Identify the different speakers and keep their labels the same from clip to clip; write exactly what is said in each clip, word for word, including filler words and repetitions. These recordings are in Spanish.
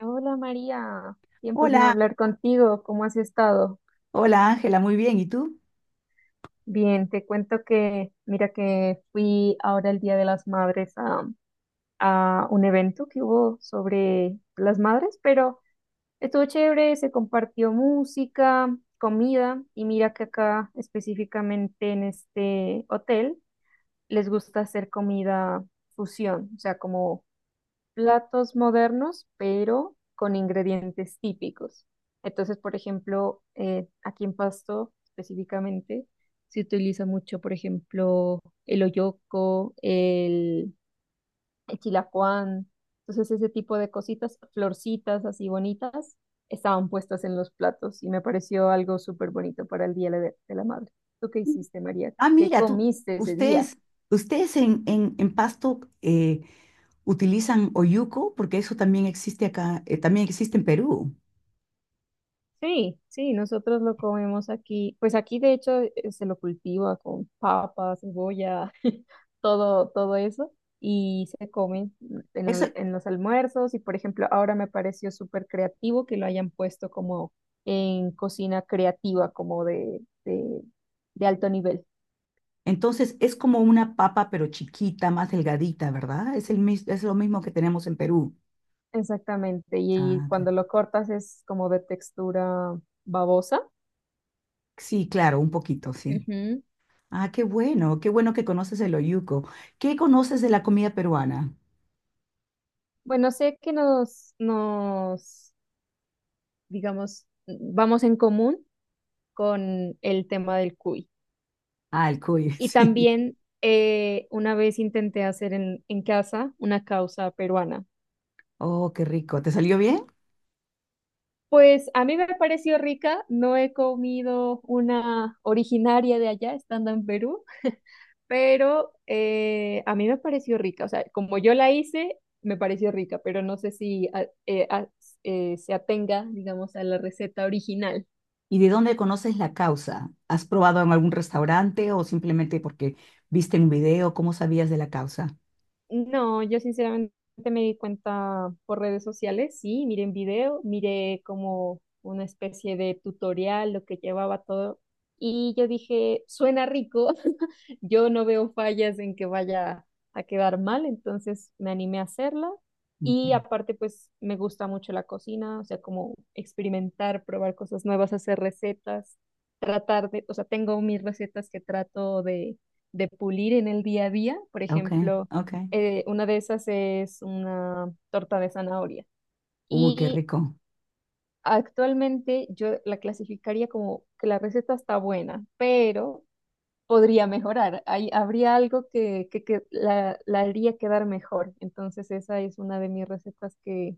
Speaker 1: Hola María, tiempo sin
Speaker 2: Hola,
Speaker 1: hablar contigo, ¿cómo has estado?
Speaker 2: hola Ángela, muy bien. ¿Y tú?
Speaker 1: Bien, te cuento que, mira que fui ahora el Día de las Madres a, a un evento que hubo sobre las madres, pero estuvo chévere, se compartió música, comida y mira que acá específicamente en este hotel les gusta hacer comida fusión, o sea, como platos modernos, pero con ingredientes típicos. Entonces, por ejemplo, eh, aquí en Pasto específicamente se utiliza mucho, por ejemplo, el oyoco, el, el chilacuán. Entonces, ese tipo de cositas, florcitas así bonitas, estaban puestas en los platos y me pareció algo súper bonito para el Día de de la Madre. ¿Tú qué hiciste, María?
Speaker 2: Ah,
Speaker 1: ¿Qué
Speaker 2: mira, tú,
Speaker 1: comiste ese día?
Speaker 2: ustedes, ustedes en, en, en Pasto eh, utilizan oyuco, porque eso también existe acá, eh, también existe en Perú.
Speaker 1: Sí, sí, nosotros lo comemos aquí. Pues aquí de hecho eh, se lo cultiva con papa, cebolla, todo, todo eso. Y se come en,
Speaker 2: Eso,
Speaker 1: lo- en los almuerzos. Y por ejemplo, ahora me pareció súper creativo que lo hayan puesto como en cocina creativa, como de, de, de alto nivel.
Speaker 2: entonces es como una papa, pero chiquita, más delgadita, ¿verdad? Es el, mis- es lo mismo que tenemos en Perú.
Speaker 1: Exactamente. Y
Speaker 2: Ah, ok.
Speaker 1: cuando lo cortas es como de textura babosa.
Speaker 2: Sí, claro, un poquito, sí.
Speaker 1: Ujú.
Speaker 2: Ah, qué bueno, qué bueno que conoces el oyuco. ¿Qué conoces de la comida peruana?
Speaker 1: Bueno, sé que nos, nos digamos, vamos en común con el tema del cuy.
Speaker 2: Ah, el cuy,
Speaker 1: Y
Speaker 2: sí.
Speaker 1: también eh, una vez intenté hacer en, en casa una causa peruana.
Speaker 2: Oh, qué rico. ¿Te salió bien?
Speaker 1: Pues a mí me pareció rica, no he comido una originaria de allá estando en Perú, pero eh, a mí me pareció rica, o sea, como yo la hice, me pareció rica, pero no sé si a- eh, a- eh, se atenga, digamos, a la receta original.
Speaker 2: ¿Y de dónde conoces la causa? ¿Has probado en algún restaurante o simplemente porque viste un video? ¿Cómo sabías de la causa?
Speaker 1: No, yo sinceramente me di cuenta por redes sociales, sí, miré un video, miré como una especie de tutorial, lo que llevaba todo, y yo dije, suena rico, yo no veo fallas en que vaya a quedar mal, entonces me animé a hacerla, y
Speaker 2: Okay,
Speaker 1: aparte pues me gusta mucho la cocina, o sea, como experimentar, probar cosas nuevas, hacer recetas, tratar de, o sea, tengo mis recetas que trato de, de pulir en el día a día, por
Speaker 2: okay,
Speaker 1: ejemplo
Speaker 2: ok.
Speaker 1: eh, una de esas es una torta de zanahoria.
Speaker 2: Uy, qué
Speaker 1: Y
Speaker 2: rico.
Speaker 1: actualmente yo la clasificaría como que la receta está buena, pero podría mejorar. Hay, habría algo que, que, que la, la haría quedar mejor. Entonces esa es una de mis recetas que,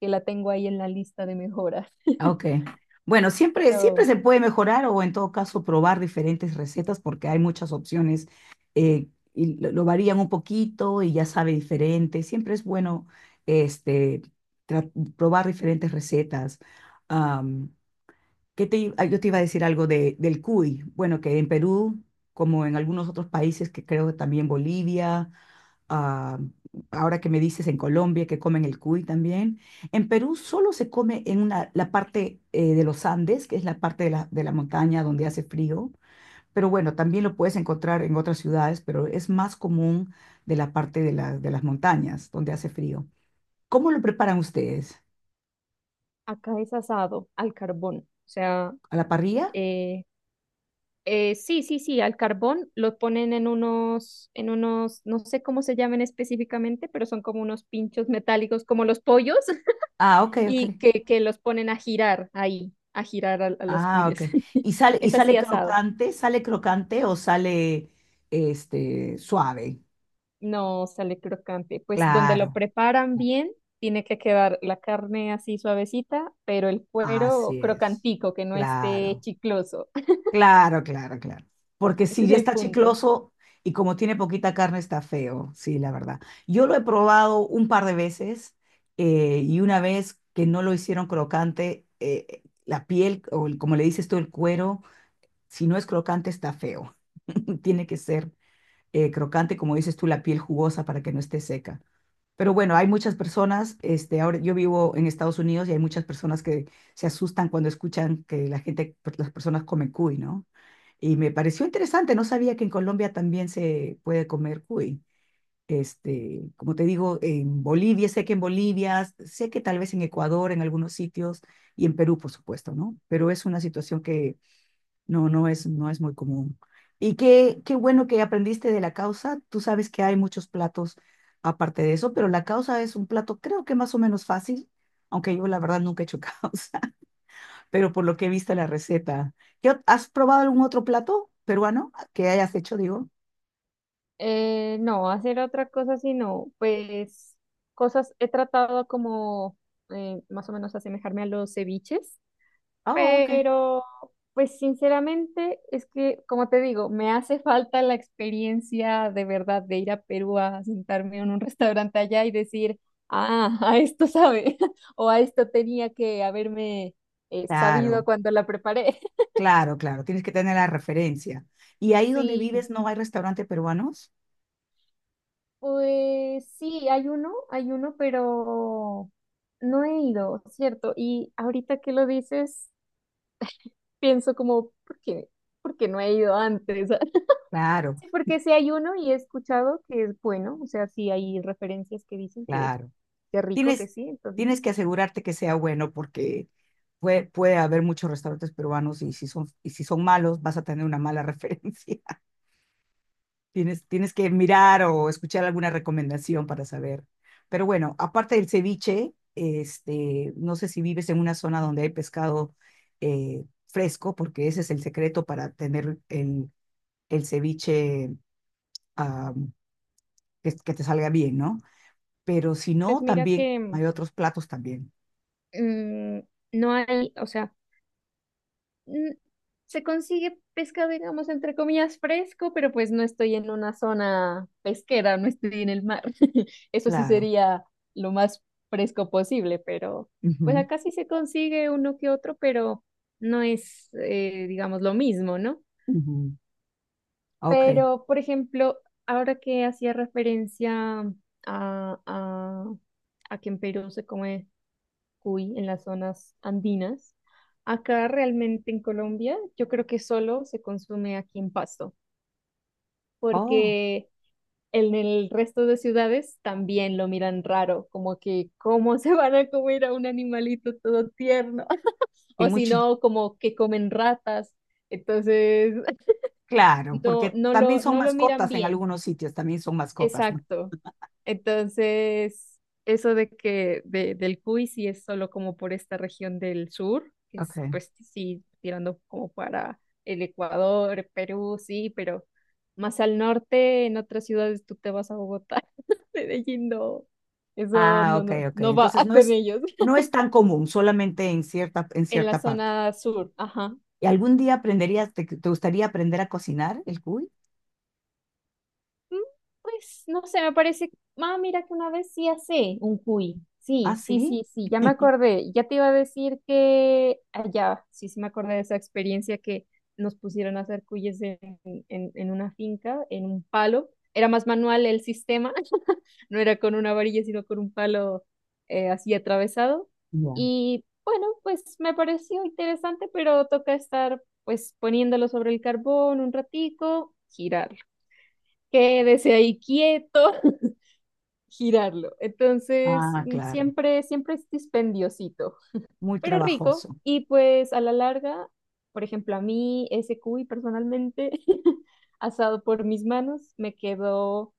Speaker 1: que la tengo ahí en la lista de mejoras.
Speaker 2: Okay. Bueno, siempre, siempre
Speaker 1: Pero
Speaker 2: se puede mejorar o en todo caso probar diferentes recetas porque hay muchas opciones, eh, y lo, lo varían un poquito y ya sabe diferente. Siempre es bueno este, tra- probar diferentes recetas. ¿Qué te, i- ah, yo te iba a decir algo de, del cuy. Bueno, que en Perú, como en algunos otros países, que creo que también Bolivia, ah, ahora que me dices en Colombia que comen el cuy también, en Perú solo se come en una, la parte eh, de los Andes, que es la parte de la, de la montaña donde hace frío, pero bueno, también lo puedes encontrar en otras ciudades, pero es más común de la parte de, la- de las montañas donde hace frío. ¿Cómo lo preparan ustedes?
Speaker 1: acá es asado al carbón. O sea,
Speaker 2: ¿A la parrilla?
Speaker 1: eh, Eh, sí, sí, sí, al carbón lo ponen en unos, en unos, no sé cómo se llaman específicamente, pero son como unos pinchos metálicos, como los pollos,
Speaker 2: Ah, ok, ok.
Speaker 1: y que, que los ponen a girar ahí, a girar a, a los
Speaker 2: Ah, ok.
Speaker 1: cuyes.
Speaker 2: ¿Y sale, y
Speaker 1: Es así
Speaker 2: sale
Speaker 1: asado,
Speaker 2: crocante? ¿Sale crocante o sale este suave?
Speaker 1: no sale crocante. Pues donde lo
Speaker 2: Claro,
Speaker 1: preparan bien, tiene que quedar la carne así suavecita, pero el cuero
Speaker 2: así es.
Speaker 1: crocantico, que no esté
Speaker 2: Claro,
Speaker 1: chicloso.
Speaker 2: claro, claro, claro. Porque
Speaker 1: Ese
Speaker 2: si
Speaker 1: es
Speaker 2: ya
Speaker 1: el
Speaker 2: está
Speaker 1: punto.
Speaker 2: chicloso y como tiene poquita carne está feo, sí, la verdad. Yo lo he probado un par de veces, eh, y una vez que no lo hicieron crocante, eh, la piel o el- como le dices tú, el cuero, si no es crocante está feo. Tiene que ser eh, crocante, como dices tú, la piel jugosa para que no esté seca. Pero bueno, hay muchas personas, este, ahora yo vivo en Estados Unidos y hay muchas personas que se asustan cuando escuchan que la gente, las personas comen cuy, ¿no? Y me pareció interesante, no sabía que en Colombia también se puede comer cuy. Este, como te digo, en Bolivia, sé que en Bolivia, sé que tal vez en Ecuador, en algunos sitios, y en Perú, por supuesto, ¿no? Pero es una situación que no, no es, no es muy común. Y qué, qué bueno que aprendiste de la causa. Tú sabes que hay muchos platos aparte de eso, pero la causa es un plato creo que más o menos fácil, aunque yo la verdad nunca he hecho causa, pero por lo que he visto la receta. ¿Qué ot- ¿Has probado algún otro plato peruano que hayas hecho, digo?
Speaker 1: Eh, no, hacer otra cosa sino, pues cosas he tratado como eh, más o menos asemejarme a los ceviches,
Speaker 2: Oh, ok.
Speaker 1: pero pues sinceramente es que, como te digo, me hace falta la experiencia de verdad de ir a Perú a sentarme en un restaurante allá y decir, ah, a esto sabe, o a esto tenía que haberme eh, sabido
Speaker 2: Claro,
Speaker 1: cuando la preparé.
Speaker 2: claro, claro. Tienes que tener la referencia. ¿Y ahí donde
Speaker 1: Sí,
Speaker 2: vives no hay restaurante peruanos?
Speaker 1: pues sí, hay uno, hay uno, pero no he ido, ¿cierto? Y ahorita que lo dices, pienso como, ¿por qué? ¿Por qué no he ido antes?
Speaker 2: Claro,
Speaker 1: Sí, porque sí hay uno y he escuchado que es bueno, o sea, sí hay referencias que dicen que,
Speaker 2: claro.
Speaker 1: que rico, que
Speaker 2: Tienes,
Speaker 1: sí, entonces,
Speaker 2: tienes que asegurarte que sea bueno porque puede, puede haber muchos restaurantes peruanos y si son, y si son malos vas a tener una mala referencia. Tienes, tienes que mirar o escuchar alguna recomendación para saber. Pero bueno, aparte del ceviche, este, no sé si vives en una zona donde hay pescado eh, fresco, porque ese es el secreto para tener el, el ceviche, ah, que, que te salga bien, ¿no? Pero si
Speaker 1: pues
Speaker 2: no,
Speaker 1: mira
Speaker 2: también
Speaker 1: que
Speaker 2: hay otros platos también.
Speaker 1: mm, no hay, o sea... mm, se consigue pescado, digamos, entre comillas, fresco, pero pues no estoy en una zona pesquera, no estoy en el mar. Eso sí
Speaker 2: Claro.
Speaker 1: sería lo más fresco posible, pero pues
Speaker 2: Ujú.
Speaker 1: acá sí se consigue uno que otro, pero no es, eh, digamos, lo mismo, ¿no?
Speaker 2: Ujú, ok.
Speaker 1: Pero, por ejemplo, ahora que hacía referencia a, a, a que en Perú se come cuy en las zonas andinas. Acá realmente en Colombia yo creo que solo se consume aquí en Pasto,
Speaker 2: Oh,
Speaker 1: porque en el resto de ciudades también lo miran raro, como que cómo se van a comer a un animalito todo tierno,
Speaker 2: en
Speaker 1: o si
Speaker 2: mucho.
Speaker 1: no, como que comen ratas. Entonces,
Speaker 2: Claro,
Speaker 1: no,
Speaker 2: porque
Speaker 1: no
Speaker 2: también
Speaker 1: lo,
Speaker 2: son
Speaker 1: no lo miran
Speaker 2: mascotas en
Speaker 1: bien.
Speaker 2: algunos sitios, también son mascotas, ¿no?
Speaker 1: Exacto. Entonces, eso de que de, del Cuy sí es solo como por esta región del sur, que
Speaker 2: Ok.
Speaker 1: es pues sí, tirando como para el Ecuador, Perú, sí, pero más al norte, en otras ciudades tú te vas a Bogotá, Medellín no, eso
Speaker 2: Ah,
Speaker 1: no,
Speaker 2: ok,
Speaker 1: no,
Speaker 2: ok.
Speaker 1: no va
Speaker 2: Entonces no
Speaker 1: con
Speaker 2: es,
Speaker 1: ellos.
Speaker 2: no es tan común, solamente en cierta, en
Speaker 1: En la
Speaker 2: cierta parte.
Speaker 1: zona sur, ajá.
Speaker 2: ¿Y algún día aprenderías, te, te gustaría aprender a cocinar el cuy?
Speaker 1: Mm, pues no sé, me parece. Ah, mira que una vez sí hace un cuy. Sí,
Speaker 2: Ah,
Speaker 1: sí,
Speaker 2: sí.
Speaker 1: sí, sí, ya me acordé. Ya te iba a decir que allá, sí, sí me acordé de esa experiencia que nos pusieron a hacer cuyes en, en, en una finca, en un palo. Era más manual el sistema, no era con una varilla, sino con un palo eh, así atravesado.
Speaker 2: Ya.
Speaker 1: Y bueno, pues me pareció interesante, pero toca estar pues poniéndolo sobre el carbón un ratico, girar quédese ahí quieto, girarlo. Entonces,
Speaker 2: Ah,
Speaker 1: mm,
Speaker 2: claro.
Speaker 1: siempre, siempre es dispendiosito,
Speaker 2: Muy
Speaker 1: pero rico.
Speaker 2: trabajoso.
Speaker 1: Y pues a la larga, por ejemplo, a mí ese cuy personalmente, asado por mis manos, me quedó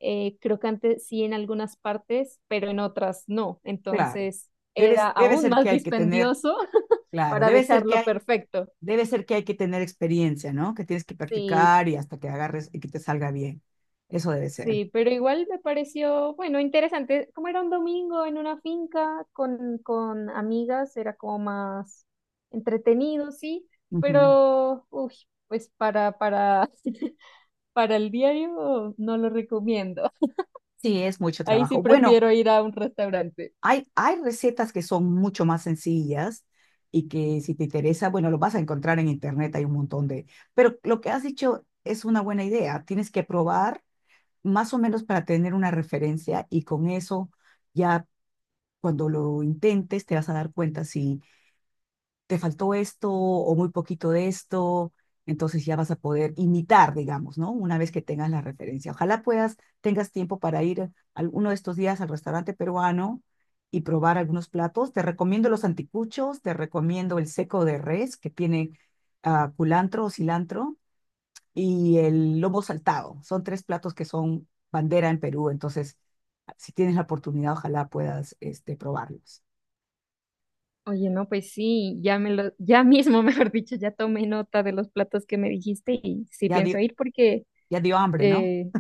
Speaker 1: eh, crocante sí en algunas partes, pero en otras no.
Speaker 2: Claro.
Speaker 1: Entonces,
Speaker 2: Debe,
Speaker 1: era
Speaker 2: debe
Speaker 1: aún
Speaker 2: ser
Speaker 1: más
Speaker 2: que hay que tener,
Speaker 1: dispendioso
Speaker 2: claro,
Speaker 1: para
Speaker 2: debe ser que
Speaker 1: dejarlo
Speaker 2: hay
Speaker 1: perfecto.
Speaker 2: Debe ser que hay que tener experiencia, ¿no? Que tienes que
Speaker 1: Sí,
Speaker 2: practicar y hasta que agarres y que te salga bien. Eso debe ser.
Speaker 1: sí, pero igual me pareció, bueno, interesante. Como era un domingo en una finca con, con amigas, era como más entretenido, sí,
Speaker 2: Ujú.
Speaker 1: pero, uy, pues para, para, para el diario no lo recomiendo.
Speaker 2: Sí, es mucho
Speaker 1: Ahí sí
Speaker 2: trabajo. Bueno,
Speaker 1: prefiero ir a un restaurante.
Speaker 2: hay, hay recetas que son mucho más sencillas y que si te interesa, bueno, lo vas a encontrar en internet, hay un montón de... Pero lo que has dicho es una buena idea. Tienes que probar más o menos para tener una referencia y con eso ya cuando lo intentes te vas a dar cuenta si te faltó esto o muy poquito de esto, entonces ya vas a poder imitar, digamos, ¿no? Una vez que tengas la referencia. Ojalá puedas, tengas tiempo para ir alguno de estos días al restaurante peruano y probar algunos platos. Te recomiendo los anticuchos, te recomiendo el seco de res que tiene ah, culantro o cilantro y el lomo saltado. Son tres platos que son bandera en Perú, entonces si tienes la oportunidad, ojalá puedas este, probarlos.
Speaker 1: Oye, no, pues sí, ya me lo, ya mismo, mejor dicho, ya tomé nota de los platos que me dijiste y sí
Speaker 2: Ya
Speaker 1: pienso
Speaker 2: dio,
Speaker 1: ir porque
Speaker 2: ya dio hambre, ¿no?
Speaker 1: eh,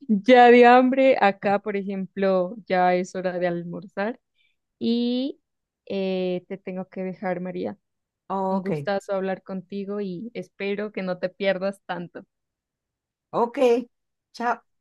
Speaker 1: ya de hambre, acá, por ejemplo, ya es hora de almorzar. Y eh, te tengo que dejar, María. Un
Speaker 2: Ok.
Speaker 1: gustazo hablar contigo y espero que no te pierdas tanto.
Speaker 2: Ok, chao.